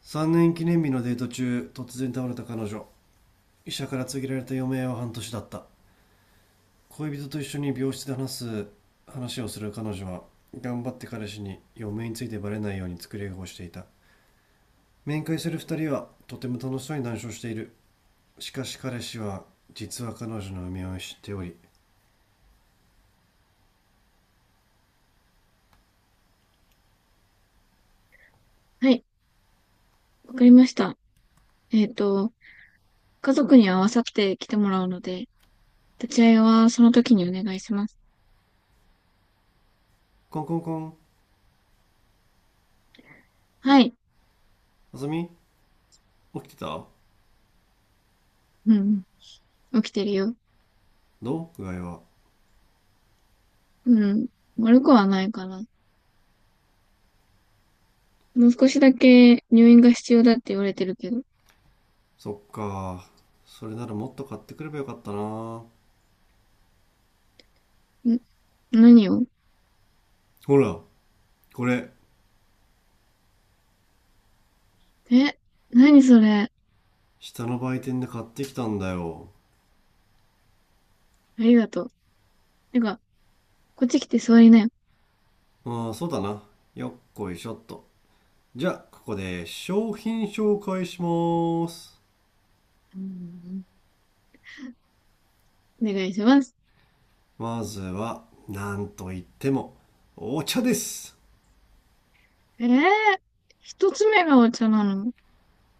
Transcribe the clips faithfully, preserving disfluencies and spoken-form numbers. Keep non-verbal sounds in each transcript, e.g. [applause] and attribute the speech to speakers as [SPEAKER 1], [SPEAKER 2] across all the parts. [SPEAKER 1] さんねん記念日のデート中、突然倒れた彼女。医者から告げられた余命は半年だった。恋人と一緒に病室で話す。話をする彼女は、頑張って彼氏に余命についてバレないように作り笑顔をしていた。面会するふたりはとても楽しそうに談笑している。しかし彼氏は、実は彼女の余命を知っており、
[SPEAKER 2] はい、わかりました。えっと、家族に合わさって来てもらうので、立ち会いはその時にお願いします。
[SPEAKER 1] コンコンコン。
[SPEAKER 2] はい。
[SPEAKER 1] あさみ、起きてた？
[SPEAKER 2] うん、うん起きてるよ。
[SPEAKER 1] どう、具合は？
[SPEAKER 2] うん、悪くはないかな。もう少しだけ入院が必要だって言われてるけど。ん、
[SPEAKER 1] そっか。それならもっと買ってくればよかったな。ほ
[SPEAKER 2] 何を？
[SPEAKER 1] ら、これ。
[SPEAKER 2] え、何それ。
[SPEAKER 1] 下の売店で買ってきたんだよ。
[SPEAKER 2] ありがとう。てか、こっち来て座りなよ。
[SPEAKER 1] ああ、そうだな。よっこいしょっと。じゃあ、ここで商品紹介します。
[SPEAKER 2] うん、お願いします。
[SPEAKER 1] まずは、なんといっても、お茶です。
[SPEAKER 2] えー、一つ目がお茶なの。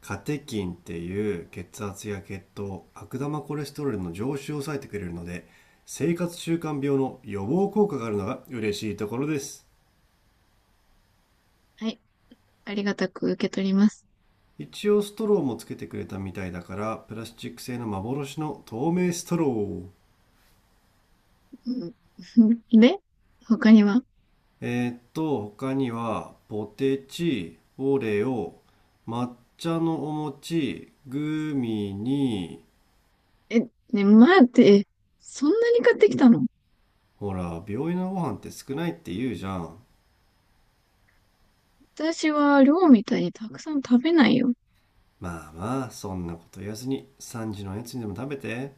[SPEAKER 1] カテキンっていう血圧や血糖、悪玉コレステロールの上昇を抑えてくれるので、生活習慣病の予防効果があるのが嬉しいところです。
[SPEAKER 2] はい、ありがたく受け取ります。
[SPEAKER 1] 一応ストローもつけてくれたみたいだから、プラスチック製の幻の透明ストロー。
[SPEAKER 2] うん、[laughs] で、他には？
[SPEAKER 1] えーっと、他には、ポテチ、オレオ、抹茶のお餅、グミに、
[SPEAKER 2] え、ね、待って、え、そんなに買ってきたの？
[SPEAKER 1] ほら、病院のご飯って少ないって言うじゃん。
[SPEAKER 2] 私は量みたいにたくさん食べないよ。
[SPEAKER 1] まあまあ、そんなこと言わずに、さんじのおやつにでも食べて、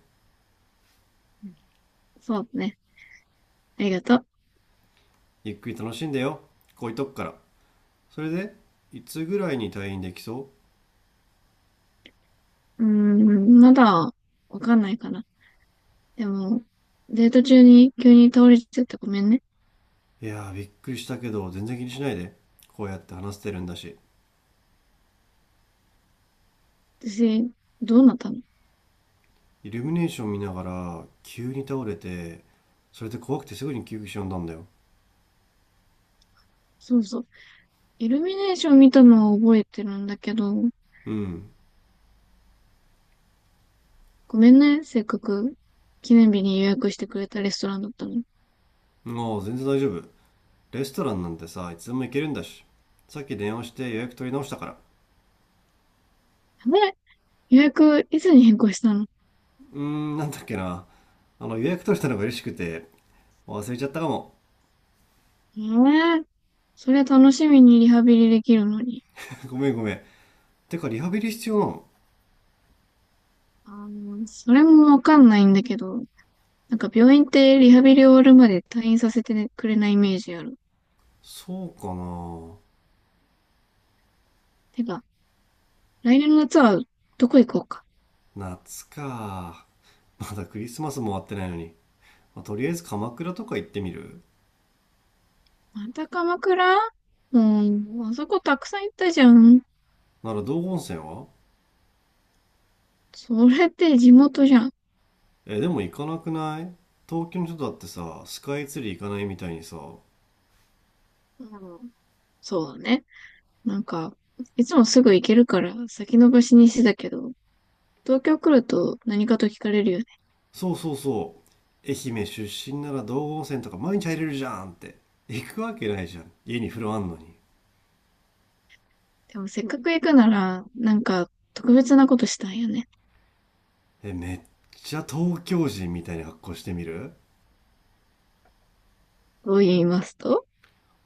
[SPEAKER 2] うん、そうね。ありがとう。
[SPEAKER 1] ゆっくり楽しんでよ。こういうとこから。それで、いつぐらいに退院できそ？
[SPEAKER 2] うーん、まだわかんないかな。でも、デート中に急に倒れちゃってごめんね。
[SPEAKER 1] ういやー、びっくりしたけど、全然気にしないで。こうやって話してるんだし。
[SPEAKER 2] 私、どうなったの？
[SPEAKER 1] イルミネーション見ながら、急に倒れて、それで怖くてすぐに救急車呼んだんだよ。
[SPEAKER 2] そうそう。イルミネーション見たのは覚えてるんだけど、
[SPEAKER 1] うん、
[SPEAKER 2] ごめんね。せっかく記念日に予約してくれたレストランだったのに。
[SPEAKER 1] もう全然大丈夫。レストランなんてさ、いつでも行けるんだし。さっき電話して予約取り直したから。
[SPEAKER 2] あれ、予約いつに変更したの？
[SPEAKER 1] うーん、なんだっけな。あの、予約取れたのが嬉しくて、忘れちゃったかも。
[SPEAKER 2] ええ、そりゃ楽しみにリハビリできるのに。
[SPEAKER 1] [laughs] ごめんごめん。てか、リハビリ必要なの？
[SPEAKER 2] あー、それもわかんないんだけど、なんか病院ってリハビリ終わるまで退院させてねくれないイメージある。
[SPEAKER 1] そうか
[SPEAKER 2] てか、来年の夏はどこ行こうか。
[SPEAKER 1] な。夏か。まだクリスマスも終わってないのに。まあとりあえず鎌倉とか行ってみる？
[SPEAKER 2] また鎌倉？もう、あそこたくさん行ったじゃん。
[SPEAKER 1] なら道後温泉は？
[SPEAKER 2] それって地元じゃん。
[SPEAKER 1] え、でも行かなくない？東京の人だってさ、スカイツリー行かないみたいにさ、
[SPEAKER 2] うん、そうだね。なんか、いつもすぐ行けるから先延ばしにしてたけど、東京来ると何かと聞かれるよね。
[SPEAKER 1] そうそうそう、愛媛出身なら道後温泉とか毎日入れるじゃんって。行くわけないじゃん、家に風呂あんのに。
[SPEAKER 2] でもせっかく行くなら、なんか特別なことしたいよね。
[SPEAKER 1] え、めっちゃ東京人みたいな格好してみる？
[SPEAKER 2] と言いますと？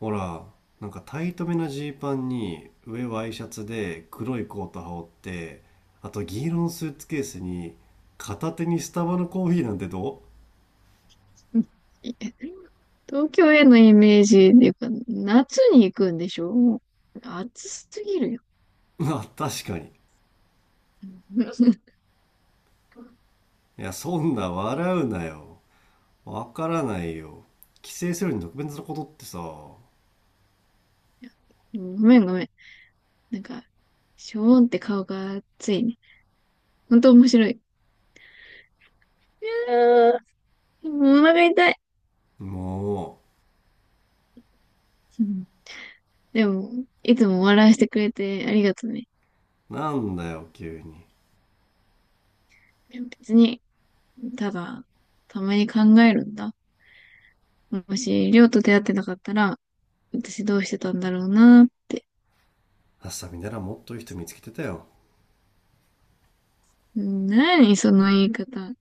[SPEAKER 1] ほら、なんかタイトめなジーパンに、上ワイシャツで黒いコート羽織って、あと銀色のスーツケースに、片手にスタバのコーヒーなんてど
[SPEAKER 2] [laughs] うん、東京へのイメージっていうか、夏に行くんでしょ？もう暑すぎるよ。
[SPEAKER 1] う？ [laughs] あ、確かに。
[SPEAKER 2] うん [laughs]
[SPEAKER 1] いや、そんな笑うなよ。わからないよ。帰省するのに特別なことってさ、も
[SPEAKER 2] ごめんごめん。なんか、ショーンって顔が熱いね。ほんと面白い。いやー、もうお腹痛い。
[SPEAKER 1] う、
[SPEAKER 2] うん、でも、いつも笑わせてくれてありがとうね。
[SPEAKER 1] なんだよ急に。
[SPEAKER 2] 別に、ただ、たまに考えるんだ。もし、りょうと出会ってなかったら、私どうしてたんだろうなーって。
[SPEAKER 1] あっさみならもっといい人見つけてたよ。
[SPEAKER 2] うん、何その言い方。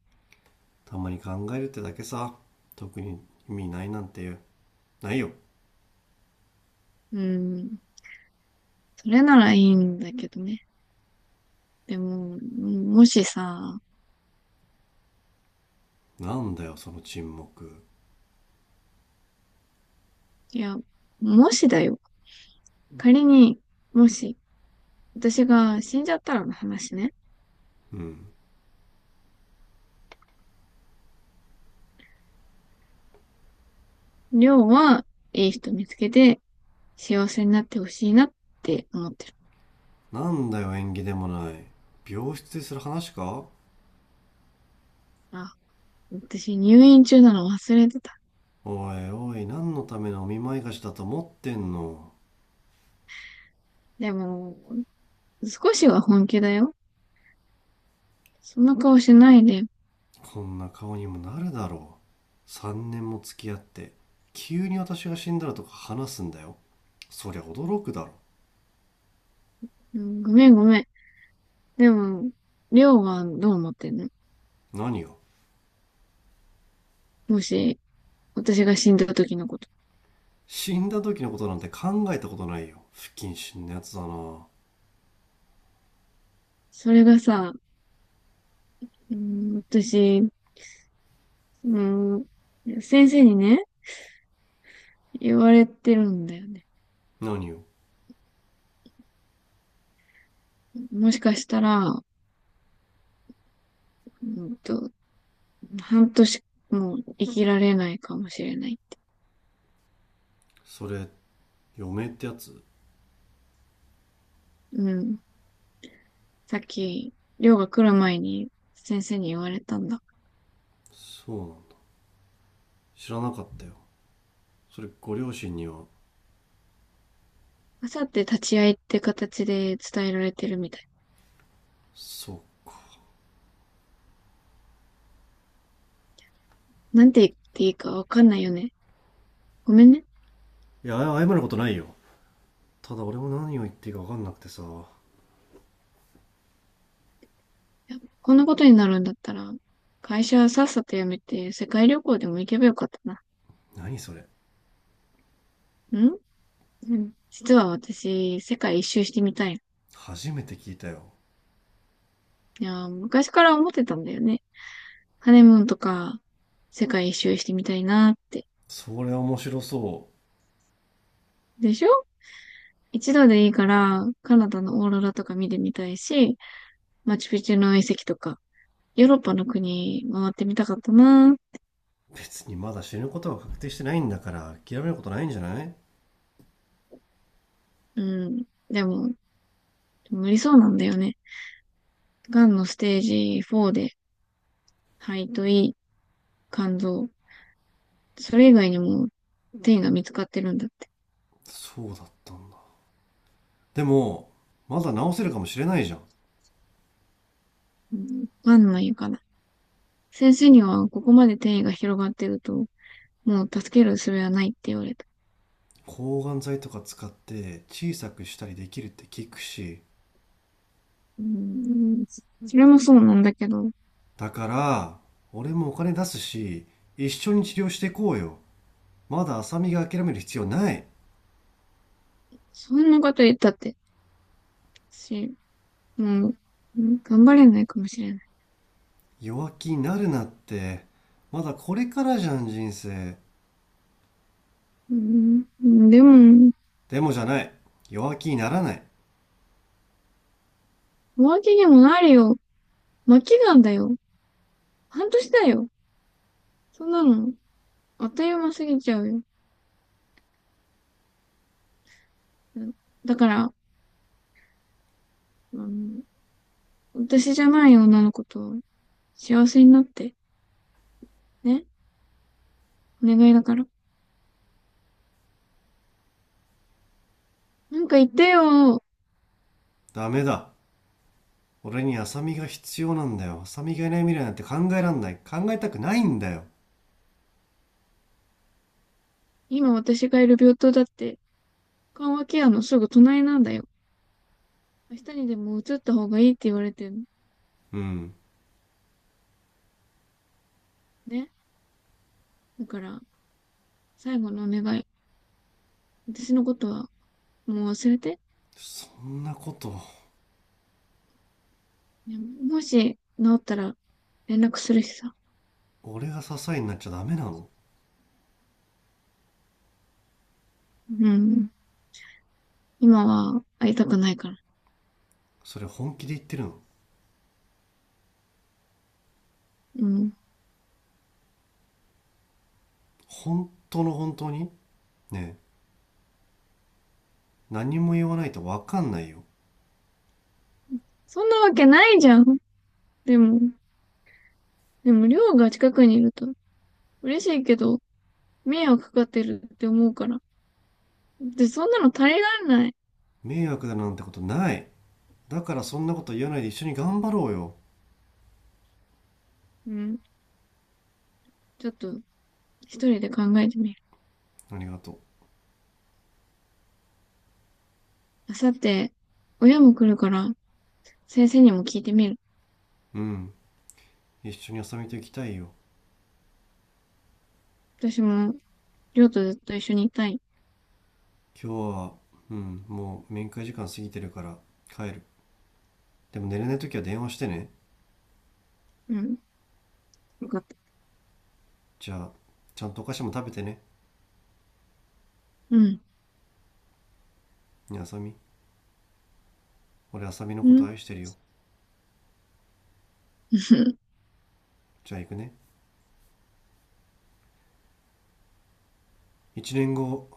[SPEAKER 1] たまに考えるってだけさ。特に、意味ないなんていう、ないよ。
[SPEAKER 2] うん。それならいいんだけどね。でも、もしさ、
[SPEAKER 1] なんだよ、その沈黙。
[SPEAKER 2] いや、もしだよ。仮に、もし、私が死んじゃったらの話ね。
[SPEAKER 1] うん。
[SPEAKER 2] りょうは、いい人見つけて、幸せになってほしいなって思ってる。
[SPEAKER 1] なんだよ、縁起でもない。病室でする話か？
[SPEAKER 2] あ、私入院中なの忘れてた。
[SPEAKER 1] おいおい、何のためのお見舞い菓子だと思ってんの？
[SPEAKER 2] でも、少しは本気だよ。そんな顔しないで。
[SPEAKER 1] こんな顔にもなるだろう、さんねんも付き合って急に私が死んだらとか話すんだよ。そりゃ驚くだろ。
[SPEAKER 2] うん、ごめんごめん。でも、りょうはどう思ってんの？
[SPEAKER 1] 何が？
[SPEAKER 2] もし、私が死んだ時のこと。
[SPEAKER 1] 死んだ時のことなんて考えたことないよ。不謹慎なやつだな。
[SPEAKER 2] それがさ、うん、私、その、先生にね、言われてるんだよね。
[SPEAKER 1] 何よ？
[SPEAKER 2] もしかしたら、うんと、半年も生きられないかもしれない。
[SPEAKER 1] それ、嫁ってやつ？
[SPEAKER 2] うん。さっき、寮が来る前に先生に言われたんだ。
[SPEAKER 1] そうなんだ。知らなかったよ。それ、ご両親には？
[SPEAKER 2] あさって立ち会いって形で伝えられてるみたい。
[SPEAKER 1] そうか。
[SPEAKER 2] なんて言っていいかわかんないよね。ごめんね。
[SPEAKER 1] いや、謝ることないよ。ただ、俺も何を言っていいか分かんなくてさ。
[SPEAKER 2] いや、こんなことになるんだったら、会社さっさと辞めて世界旅行でも行けばよかったな。
[SPEAKER 1] 何それ？
[SPEAKER 2] んうん。実は私、世界一周してみたい。
[SPEAKER 1] 初めて聞いたよ。
[SPEAKER 2] いやー、昔から思ってたんだよね。ハネムーンとか、世界一周してみたいなって。
[SPEAKER 1] それは面白そ
[SPEAKER 2] でしょ？一度でいいから、カナダのオーロラとか見てみたいし、マチュピチュの遺跡とか、ヨーロッパの国回ってみたかったな。
[SPEAKER 1] う。別にまだ死ぬことは確定してないんだから、諦めることないんじゃない？
[SPEAKER 2] うん。でも、無理そうなんだよね。がんのステージよんで、肺と胃、肝臓、それ以外にも転移が見つかってるんだって。
[SPEAKER 1] そうだったんだ。でも、まだ治せるかもしれないじゃん。
[SPEAKER 2] うん、わかんないかな。先生にはここまで転移が広がってると、もう助ける術はないって言われた。
[SPEAKER 1] 抗がん剤とか使って小さくしたりできるって聞くし。
[SPEAKER 2] うん、それもそうなんだけど、
[SPEAKER 1] だから俺もお金出すし、一緒に治療していこうよ。まだ浅見が諦める必要ない。
[SPEAKER 2] そんなこと言ったって、私、もう、うん頑張れないかもしれない。
[SPEAKER 1] 弱気になるなって。まだこれからじゃん、人生。
[SPEAKER 2] うん、うん、でも、
[SPEAKER 1] でもじゃない。弱気にならない。
[SPEAKER 2] 浮気にもなるよ。末期がんだよ。半年だよ。そんなの、あっという間過ぎちゃうよ。うん、だから、うん、私じゃない女の子と幸せになって、ね。お願いだから。なんか言ってよ。
[SPEAKER 1] ダメだ。俺に浅見が必要なんだよ。浅見がいない未来なんて考えらんない。考えたくないんだよ。
[SPEAKER 2] 今私がいる病棟だって、緩和ケアのすぐ隣なんだよ。明日にでも移った方がいいって言われてるの。
[SPEAKER 1] うん、
[SPEAKER 2] ね。だから、最後のお願い。私のことはもう忘れて。
[SPEAKER 1] そんなこと。
[SPEAKER 2] ね、もし治ったら連絡するしさ。
[SPEAKER 1] 俺が支えになっちゃダメなの？
[SPEAKER 2] うん。今は会いたくないから。
[SPEAKER 1] それ本気で言ってるの？
[SPEAKER 2] うん。
[SPEAKER 1] 本当の本当に？ね、何も言わないと分かんないよ。
[SPEAKER 2] そんなわけないじゃん。でも、でも、りょうが近くにいると嬉しいけど、迷惑かかってるって思うから。で、そんなの足りられない。
[SPEAKER 1] 迷惑だなんてことない。だから、そんなこと言わないで一緒に頑張ろうよ。
[SPEAKER 2] うん。ちょっと、一人で考えてみる。
[SPEAKER 1] ありがと。
[SPEAKER 2] あさって、親も来るから、先生にも聞いてみる。
[SPEAKER 1] ううん、一緒に遊びと行きたいよ。
[SPEAKER 2] 私も、りょうとずっと一緒にいたい。
[SPEAKER 1] 今日は、うん、もう面会時間過ぎてるから帰る。でも、寝れない時は電話してね。
[SPEAKER 2] うん。よかった。
[SPEAKER 1] じゃあ、ちゃんとお菓子も食べてね。
[SPEAKER 2] うん。
[SPEAKER 1] ね、あさみ。俺、あさみの
[SPEAKER 2] う
[SPEAKER 1] こと
[SPEAKER 2] ん。
[SPEAKER 1] 愛してるよ。
[SPEAKER 2] [laughs]
[SPEAKER 1] じゃあ行くね。いちねんご。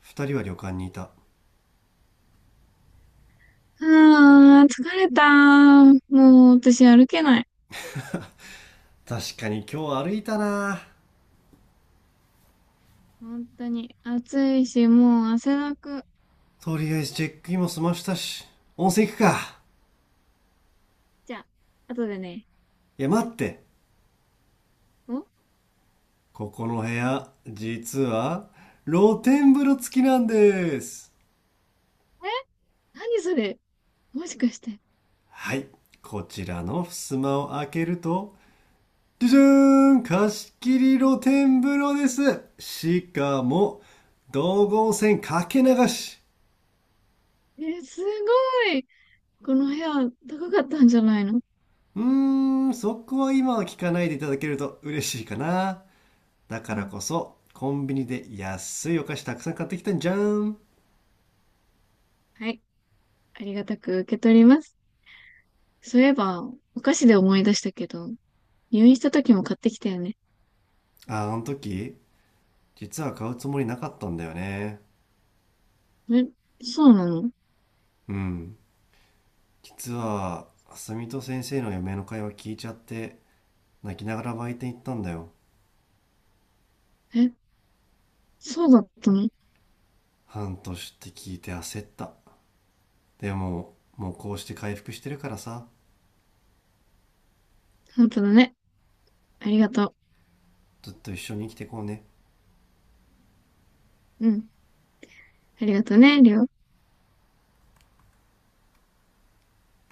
[SPEAKER 1] ふたりは旅館にいた。
[SPEAKER 2] ああー、疲れた。もう私歩けない。
[SPEAKER 1] 確かに今日歩いたなぁ。
[SPEAKER 2] 本当に。暑いし、もう汗だく。
[SPEAKER 1] とりあえずチェックインも済ましたし、温泉行くか。
[SPEAKER 2] じゃあ、後でね。
[SPEAKER 1] いや、待って。
[SPEAKER 2] お、
[SPEAKER 1] ここの部屋、実は、露天風呂付きなんです。
[SPEAKER 2] え、何それ？もしかして。
[SPEAKER 1] はい。こちらの襖を開けると、じゃじゃーん貸し切り露天風呂です。しかも、道後温泉かけ流し。
[SPEAKER 2] え、すごい。この部屋、高かったんじゃないの？
[SPEAKER 1] うーん、そこは今は聞かないでいただけると嬉しいかな。だか
[SPEAKER 2] う
[SPEAKER 1] ら
[SPEAKER 2] ん。
[SPEAKER 1] こそ、コンビニで安いお菓子たくさん買ってきたんじゃん。
[SPEAKER 2] はい。ありがたく受け取ります。そういえば、お菓子で思い出したけど、入院した時も買ってきたよね。
[SPEAKER 1] あ、あの時、実は買うつもりなかったんだよね。
[SPEAKER 2] え、そうなの？
[SPEAKER 1] うん。実は、あさみと先生の嫁の会話聞いちゃって、泣きながら売店行ったんだよ。
[SPEAKER 2] え、そうだったの？
[SPEAKER 1] 半年って聞いて焦った。でも、もうこうして回復してるからさ、
[SPEAKER 2] 本当だね。ありがと
[SPEAKER 1] ずっと一緒に生きてこうね。
[SPEAKER 2] う。うん。ありがとね、りょう。